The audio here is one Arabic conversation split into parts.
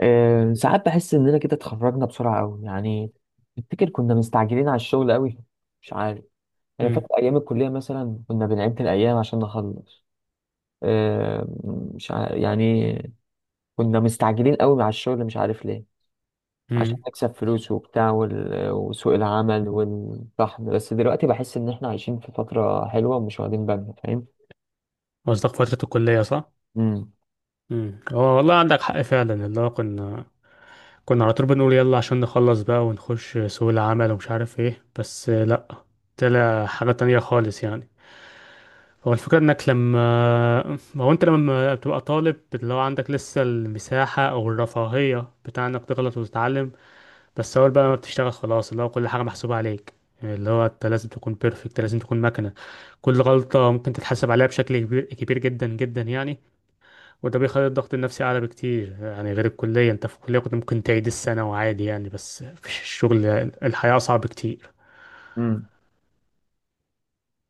ساعات بحس اننا كده اتخرجنا بسرعه قوي يعني. افتكر كنا مستعجلين على الشغل قوي. مش عارف. انا فاكر امم. ايام الكليه مثلا كنا بنعد الايام عشان نخلص. آه، مش عارف يعني. كنا مستعجلين قوي على الشغل، مش عارف ليه. عشان امم. نكسب فلوس وبتاع وسوق العمل والطحن، بس دلوقتي بحس ان احنا عايشين في فتره حلوه ومش واخدين بالنا، فاهم؟ قصدك فترة الكلية صح؟ امم. امم. هو والله عندك حق فعلا اللي هو كنا على طول بنقول يلا عشان نخلص بقى ونخش سوق العمل ومش عارف ايه، بس لا، طلع حاجة تانية خالص يعني. هو الفكرة انك لما هو انت لما بتبقى طالب اللي هو عندك لسه المساحة او الرفاهية بتاع انك تغلط وتتعلم. بس اول بقى ما بتشتغل خلاص اللي هو كل حاجة محسوبة عليك. اللي هو انت لازم تكون بيرفكت، لازم تكون مكنة. كل غلطة ممكن تتحاسب عليها بشكل كبير كبير جدا جدا يعني. وده بيخلي الضغط النفسي أعلى بكتير، يعني غير الكلية. أنت في الكلية كنت ممكن تعيد السنة وعادي يعني، بس في الشغل الحياة أصعب كتير. امم.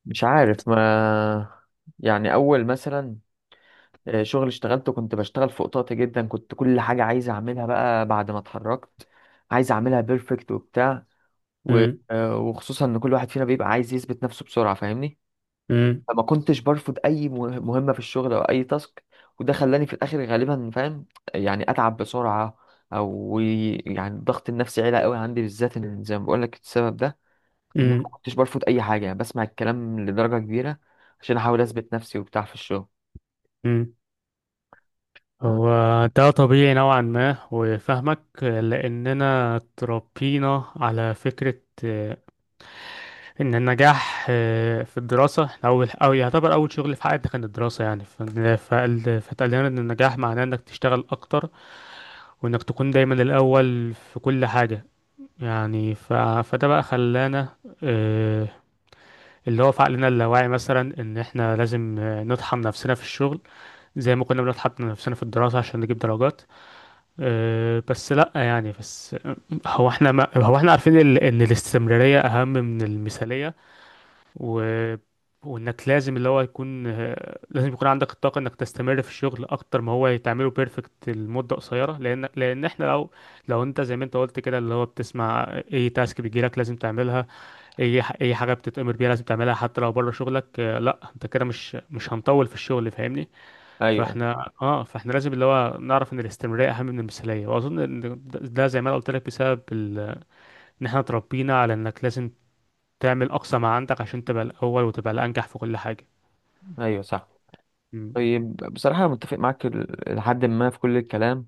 مش عارف ما، يعني اول مثلا شغل اشتغلته، كنت بشتغل في قطاطي جدا، كنت كل حاجة عايز أعملها بقى بعد ما اتخرجت عايز أعملها بيرفكت وبتاع و... امم. وخصوصا إن كل واحد فينا بيبقى عايز يثبت نفسه بسرعة، فاهمني؟ امم. فما كنتش برفض أي مهمة في الشغل أو أي تاسك، وده خلاني في الآخر غالبا، فاهم؟ يعني أتعب بسرعة، أو يعني الضغط النفسي عالي قوي عندي بالذات، إن زي ما بقول لك السبب ده إن أنا ما امم. كنتش برفض أي حاجة، يعني بسمع الكلام لدرجة كبيرة عشان أحاول أثبت نفسي وبتاع في الشغل. امم. آه، هو ده طبيعي نوعا ما وفاهمك، لأننا اتربينا على فكرة إن النجاح في الدراسة. إحنا أول أو يعتبر أول شغل في حياتنا كان الدراسة، يعني فاتقال لنا إن النجاح معناه إنك تشتغل أكتر وإنك تكون دايما الأول في كل حاجة. يعني ف... فده بقى خلانا آه، اللي هو في عقلنا اللاواعي مثلا ان احنا لازم نطحن نفسنا في الشغل زي ما كنا بنطحن نفسنا في الدراسة عشان نجيب درجات. بس لا يعني بس. هو احنا ما هو احنا عارفين ان الاستمرارية اهم من المثالية. و... وانك لازم اللي هو يكون آه، لازم يكون عندك الطاقة انك تستمر في الشغل اكتر ما هو تعمله بيرفكت لمدة قصيرة، لان لان احنا لو لو انت زي ما انت قلت كده اللي هو بتسمع اي تاسك بيجيلك لازم تعملها، اي حاجه بتتامر بيها لازم تعملها حتى لو بره شغلك. آه، لا انت كده مش هنطول في الشغل فاهمني. أيوه. فاحنا لازم اللي هو نعرف ان الاستمراريه اهم من المثاليه. واظن ان ده زي ما انا قلت لك بسبب ان احنا اتربينا على انك لازم تعمل اقصى ما عندك عشان تبقى الاول وتبقى الانجح في كل حاجه. أيوه صح. امم. طيب بصراحة أنا متفق معاك لحد ما في كل الكلام،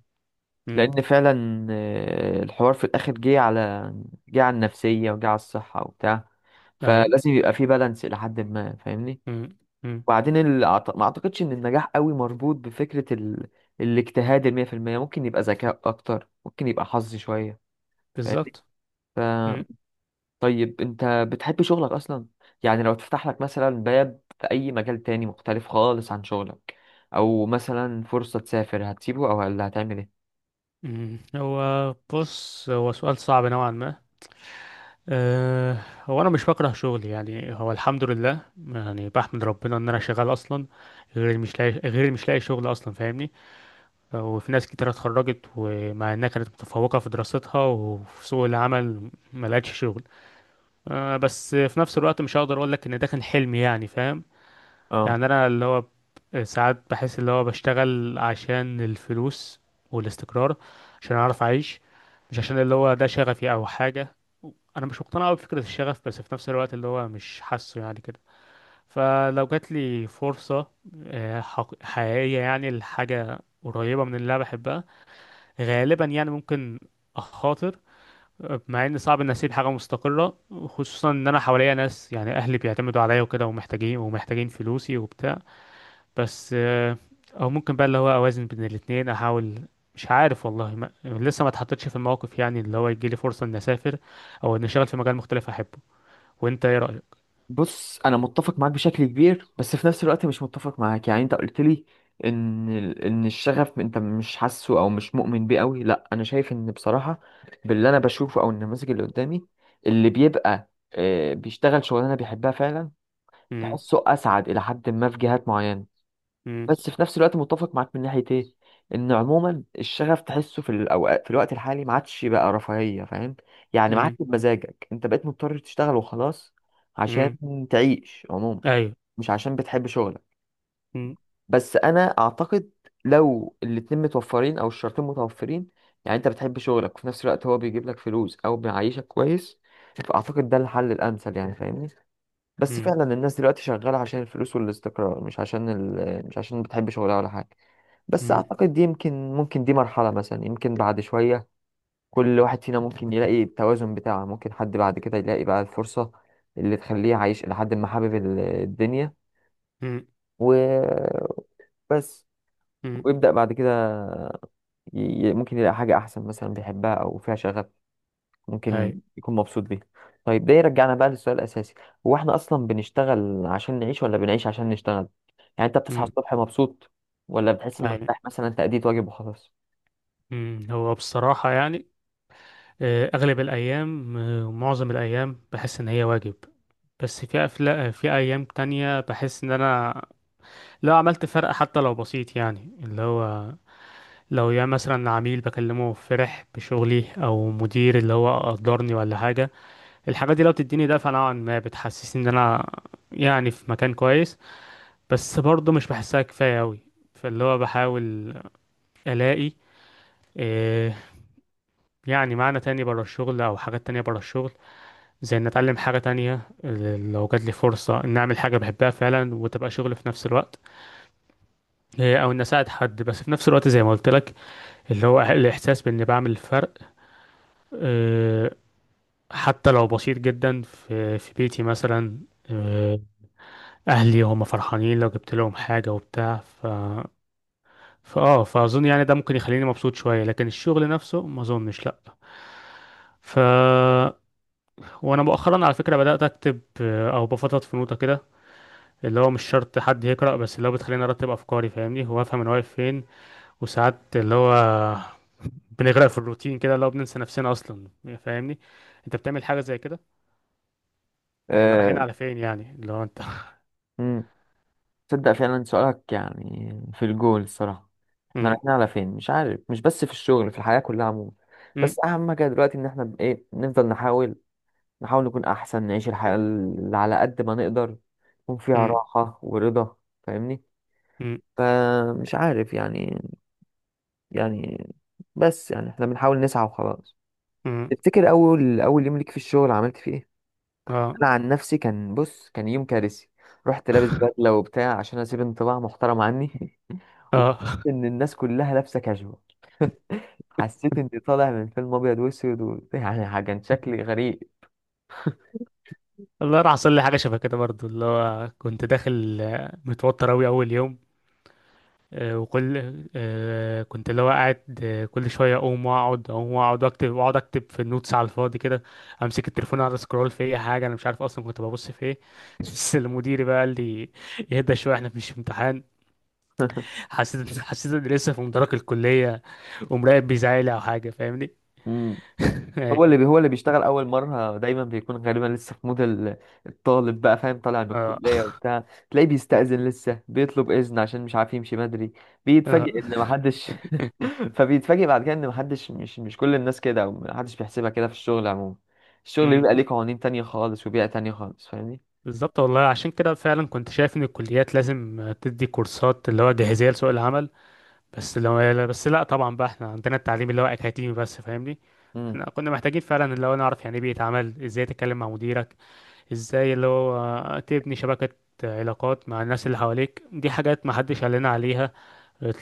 امم. لأن فعلا الحوار في الآخر جه على، جه على النفسية وجه على الصحة وبتاع، اهي. فلازم يبقى فيه بالانس إلى حد ما، فاهمني؟ امم. امم. وبعدين ما أعتقدش إن النجاح قوي مربوط بفكرة الاجتهاد المية في المية، ممكن يبقى ذكاء أكتر، ممكن يبقى حظ شوية، بالظبط. امم. فاهمني؟ طيب انت بتحب شغلك اصلا؟ يعني لو تفتح لك مثلا باب في اي مجال تاني مختلف خالص عن شغلك، او مثلا فرصة تسافر، هتسيبه او هل هتعمل ايه؟ امم. هو بص، هو سؤال صعب نوعا ما. أه، هو انا مش بكره شغلي يعني، هو الحمد لله. يعني بحمد ربنا ان انا شغال اصلا، غير اللي مش لاقي شغل اصلا فاهمني. وفي ناس كتير اتخرجت ومع انها كانت متفوقه في دراستها وفي سوق العمل ما لقتش شغل. أه بس في نفس الوقت مش هقدر اقول لك ان ده كان حلمي يعني فاهم. اه يعني انا اللي هو ساعات بحس اللي هو بشتغل عشان الفلوس والاستقرار، عشان اعرف اعيش، مش عشان اللي هو ده شغفي او حاجة. انا مش مقتنع قوي بفكرة الشغف بس في نفس الوقت اللي هو مش حاسه يعني كده. فلو جات لي فرصة حقيقية يعني لحاجة قريبة من اللي انا بحبها، غالبا يعني ممكن اخاطر مع ان صعب ان اسيب حاجه مستقره، خصوصا ان انا حواليا ناس يعني اهلي بيعتمدوا عليا وكده ومحتاجين ومحتاجين فلوسي وبتاع. بس او ممكن بقى اللي هو اوازن بين الاتنين احاول. مش عارف والله ما... لسه ما اتحطيتش في الموقف يعني اللي هو يجي لي فرصة اني اسافر او اني اشتغل في مجال مختلف احبه. وانت ايه رأيك؟ بص انا متفق معاك بشكل كبير، بس في نفس الوقت مش متفق معاك. يعني انت قلت لي ان ان الشغف انت مش حاسه او مش مؤمن بيه قوي. لا انا شايف ان بصراحة باللي انا بشوفه او النماذج اللي قدامي، اللي بيبقى بيشتغل شغلانة بيحبها فعلا امم. تحسه اسعد الى حد ما في جهات معينة. امم. بس في نفس الوقت متفق معاك من ناحية ايه، ان عموما الشغف تحسه في الاوقات، في الوقت الحالي ما عادش بقى رفاهية، فاهم؟ يعني ما عادش امم. بمزاجك، انت بقيت مضطر تشتغل وخلاص عشان امم. تعيش عموما، ايوه. مش عشان بتحب شغلك. امم. بس انا اعتقد لو الاتنين متوفرين او الشرطين متوفرين، يعني انت بتحب شغلك وفي نفس الوقت هو بيجيب لك فلوس او بيعيشك كويس، فاعتقد ده الحل الامثل، يعني فاهمني؟ بس امم. فعلا الناس دلوقتي شغالة عشان الفلوس والاستقرار، مش عشان مش عشان بتحب شغلها ولا حاجة. بس امم. أعتقد دي يمكن، ممكن دي مرحلة مثلا، يمكن بعد شوية كل واحد فينا ممكن يلاقي التوازن بتاعه، ممكن حد بعد كده يلاقي بقى الفرصة اللي تخليه عايش إلى حد ما حابب الدنيا. امم. وبس. امم. ويبدأ بعد كده ي... ممكن يلاقي حاجة أحسن مثلا بيحبها أو فيها شغف، ممكن ايوه. يكون مبسوط بيها. طيب ده يرجعنا بقى للسؤال الأساسي، هو احنا أصلا بنشتغل عشان نعيش ولا بنعيش عشان نشتغل؟ يعني أنت بتصحى امم. الصبح مبسوط ولا بتحس إنك ايوه. رايح مثلا تأديت واجب وخلاص؟ امم. هو بصراحة يعني آه، اغلب الايام آه، معظم الايام بحس ان هي واجب، بس في أيام تانية بحس إن أنا لو عملت فرق حتى لو بسيط يعني، اللي هو لو يا مثلا عميل بكلمه فرح بشغلي او مدير اللي هو قدرني ولا حاجه، الحاجات دي لو بتديني دفعه نوعا ما بتحسسني ان انا يعني في مكان كويس. بس برضه مش بحسها كفايه قوي. فاللي هو بحاول الاقي إيه، يعني معنى تاني بره الشغل او حاجات تانية بره الشغل، زي ان اتعلم حاجه تانية لو جات لي فرصه ان اعمل حاجه بحبها فعلا وتبقى شغل في نفس الوقت. إيه او ان اساعد حد، بس في نفس الوقت زي ما قلت لك اللي هو الاحساس باني بعمل فرق آه، حتى لو بسيط جدا في بيتي مثلا. آه، اهلي هم فرحانين لو جبت لهم حاجه وبتاع. ف فاه فاظن يعني ده ممكن يخليني مبسوط شويه، لكن الشغل نفسه ما اظنش لا. ف وانا مؤخرا على فكره بدات اكتب او بفضفض في نوتة كده، اللي هو مش شرط حد يقرا بس اللي هو بتخليني ارتب افكاري فاهمني وافهم انا واقف فين. وساعات اللي هو بنغرق في الروتين كده، اللي هو بننسى نفسنا اصلا فاهمني. انت بتعمل حاجه زي كده؟ احنا أه... رايحين على فين؟ يعني اللي هو انت. مم. تصدق فعلا سؤالك يعني في الجول الصراحة، احنا مم. رايحين على فين؟ مش عارف، مش بس في الشغل، في الحياة كلها عموما. بس مم. أهم حاجة دلوقتي إن احنا ب- إيه نفضل نحاول، نحاول نكون أحسن، نعيش الحياة اللي على قد ما نقدر يكون فيها مم. راحة ورضا، فاهمني؟ مم. فمش عارف يعني، يعني، بس يعني احنا بنحاول نسعى وخلاص. مم. تفتكر اول، اول يوم ليك في الشغل عملت فيه ايه؟ اه. انا عن نفسي كان، بص كان يوم كارثي. رحت لابس بدله وبتاع عشان اسيب انطباع محترم عني واكتشفت اه. ان الناس كلها لابسه كاجوال حسيت اني طالع من فيلم ابيض واسود يعني كان شكلي غريب. والله راح حصل لي حاجه شبه كده برضو، اللي هو كنت داخل متوتر اوي اول يوم، آه، وكل آه، كنت اللي هو قاعد كل شويه اقوم واقعد اقوم واقعد واكتب واقعد اكتب في النوتس على الفاضي كده. امسك التليفون اقعد اسكرول في اي حاجه، انا مش عارف اصلا كنت ببص في ايه. بس المدير بقى قال لي: اهدى شويه احنا مش في امتحان. حسيت اني لسه في مدرج الكليه ومراقب بيزعلي او حاجه فاهمني. مم. أي. هو اللي بيشتغل اول مره دايما بيكون غالبا لسه في مود الطالب بقى، فاهم، طالع من اه. الكليه وبتاع. تلاقيه بيستأذن لسه، بيطلب اذن عشان مش عارف يمشي بدري، اه. بيتفاجئ ان محدش فبيتفاجئ بعد كده ان محدش، مش كل الناس كده، او محدش بيحسبها كده في الشغل عموما. الشغل مم. بيبقى ليه قوانين تانية خالص وبيئه تانية خالص، فاهمني؟ بالظبط والله، عشان كده فعلا كنت شايف ان الكليات لازم تدي كورسات اللي هو جاهزيه لسوق العمل. بس لا طبعا بقى احنا عندنا التعليم اللي هو اكاديمي بس فاهمني. امم. احنا كنا محتاجين فعلا اللي هو نعرف يعني ايه بيئه عمل، ازاي تتكلم مع مديرك، ازاي اللي هو تبني شبكه علاقات مع الناس اللي حواليك. دي حاجات ما حدش قال لنا عليها.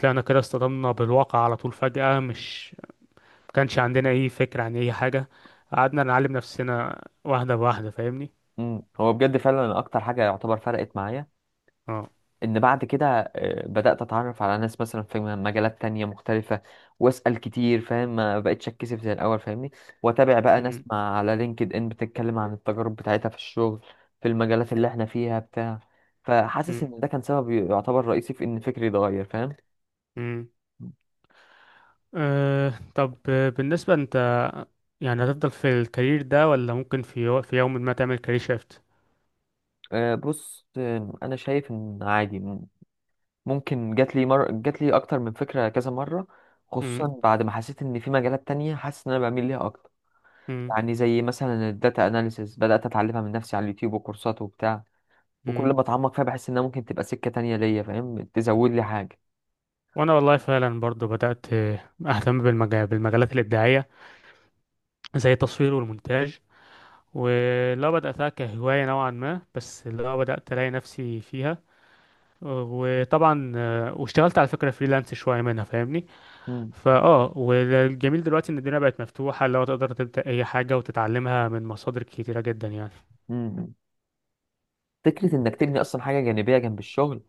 طلعنا كده اصطدمنا بالواقع على طول فجأة، مش ما كانش عندنا اي فكره عن اي حاجه، قعدنا نعلم نفسنا واحده بواحده فاهمني. امم. هو بجد فعلا اكتر حاجه يعتبر فرقت معايا اه. ان بعد كده بدأت اتعرف على ناس مثلا في مجالات تانية مختلفة، واسأل كتير، فاهم، ما بقتش اتكسف زي الاول، فاهمني؟ واتابع بقى ناس مع على لينكد ان بتتكلم عن التجارب بتاعتها في الشغل في المجالات اللي احنا فيها بتاع. فحاسس ان ده كان سبب يعتبر رئيسي في ان فكري اتغير، فاهم؟ امم. أه طب بالنسبة انت يعني هتفضل في الكارير ده ولا ممكن في يوم ما تعمل كارير شيفت؟ بص، انا شايف ان عادي، ممكن، جات لي اكتر من فكرة كذا مرة، مم. خصوصا بعد ما حسيت ان في مجالات تانية حاسس ان انا بميل ليها اكتر. مم. يعني زي مثلا الداتا اناليسيس، بدأت اتعلمها من نفسي على اليوتيوب وكورسات وبتاع، مم. وكل ما اتعمق فيها بحس انها ممكن تبقى سكة تانية ليا، فاهم، تزود لي حاجة. وانا والله فعلا برضو بدأت اهتم بالمجالات الابداعية زي التصوير والمونتاج. ولو بدأتها كهواية نوعا ما بس لو بدأت الاقي نفسي فيها. وطبعا واشتغلت على فكرة فريلانس شوية منها فاهمني. مم. والجميل دلوقتي ان الدنيا بقت مفتوحة لو تقدر تبدأ اي حاجة وتتعلمها من مصادر كتيرة جدا يعني. مم. فكرة انك تبني اصلا حاجة جانبية جنب الشغل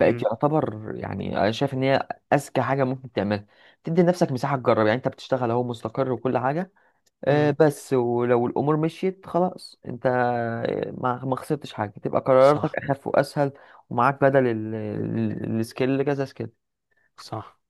بقت يعتبر، يعني انا شايف ان هي اذكى حاجة ممكن تعملها. تدي لنفسك مساحة تجرب، يعني انت بتشتغل اهو مستقر وكل حاجة، امم. بس ولو الامور مشيت خلاص، انت ما خسرتش حاجة، تبقى قراراتك صح. اخف واسهل، ومعاك بدل السكيل كذا سكيل. صح.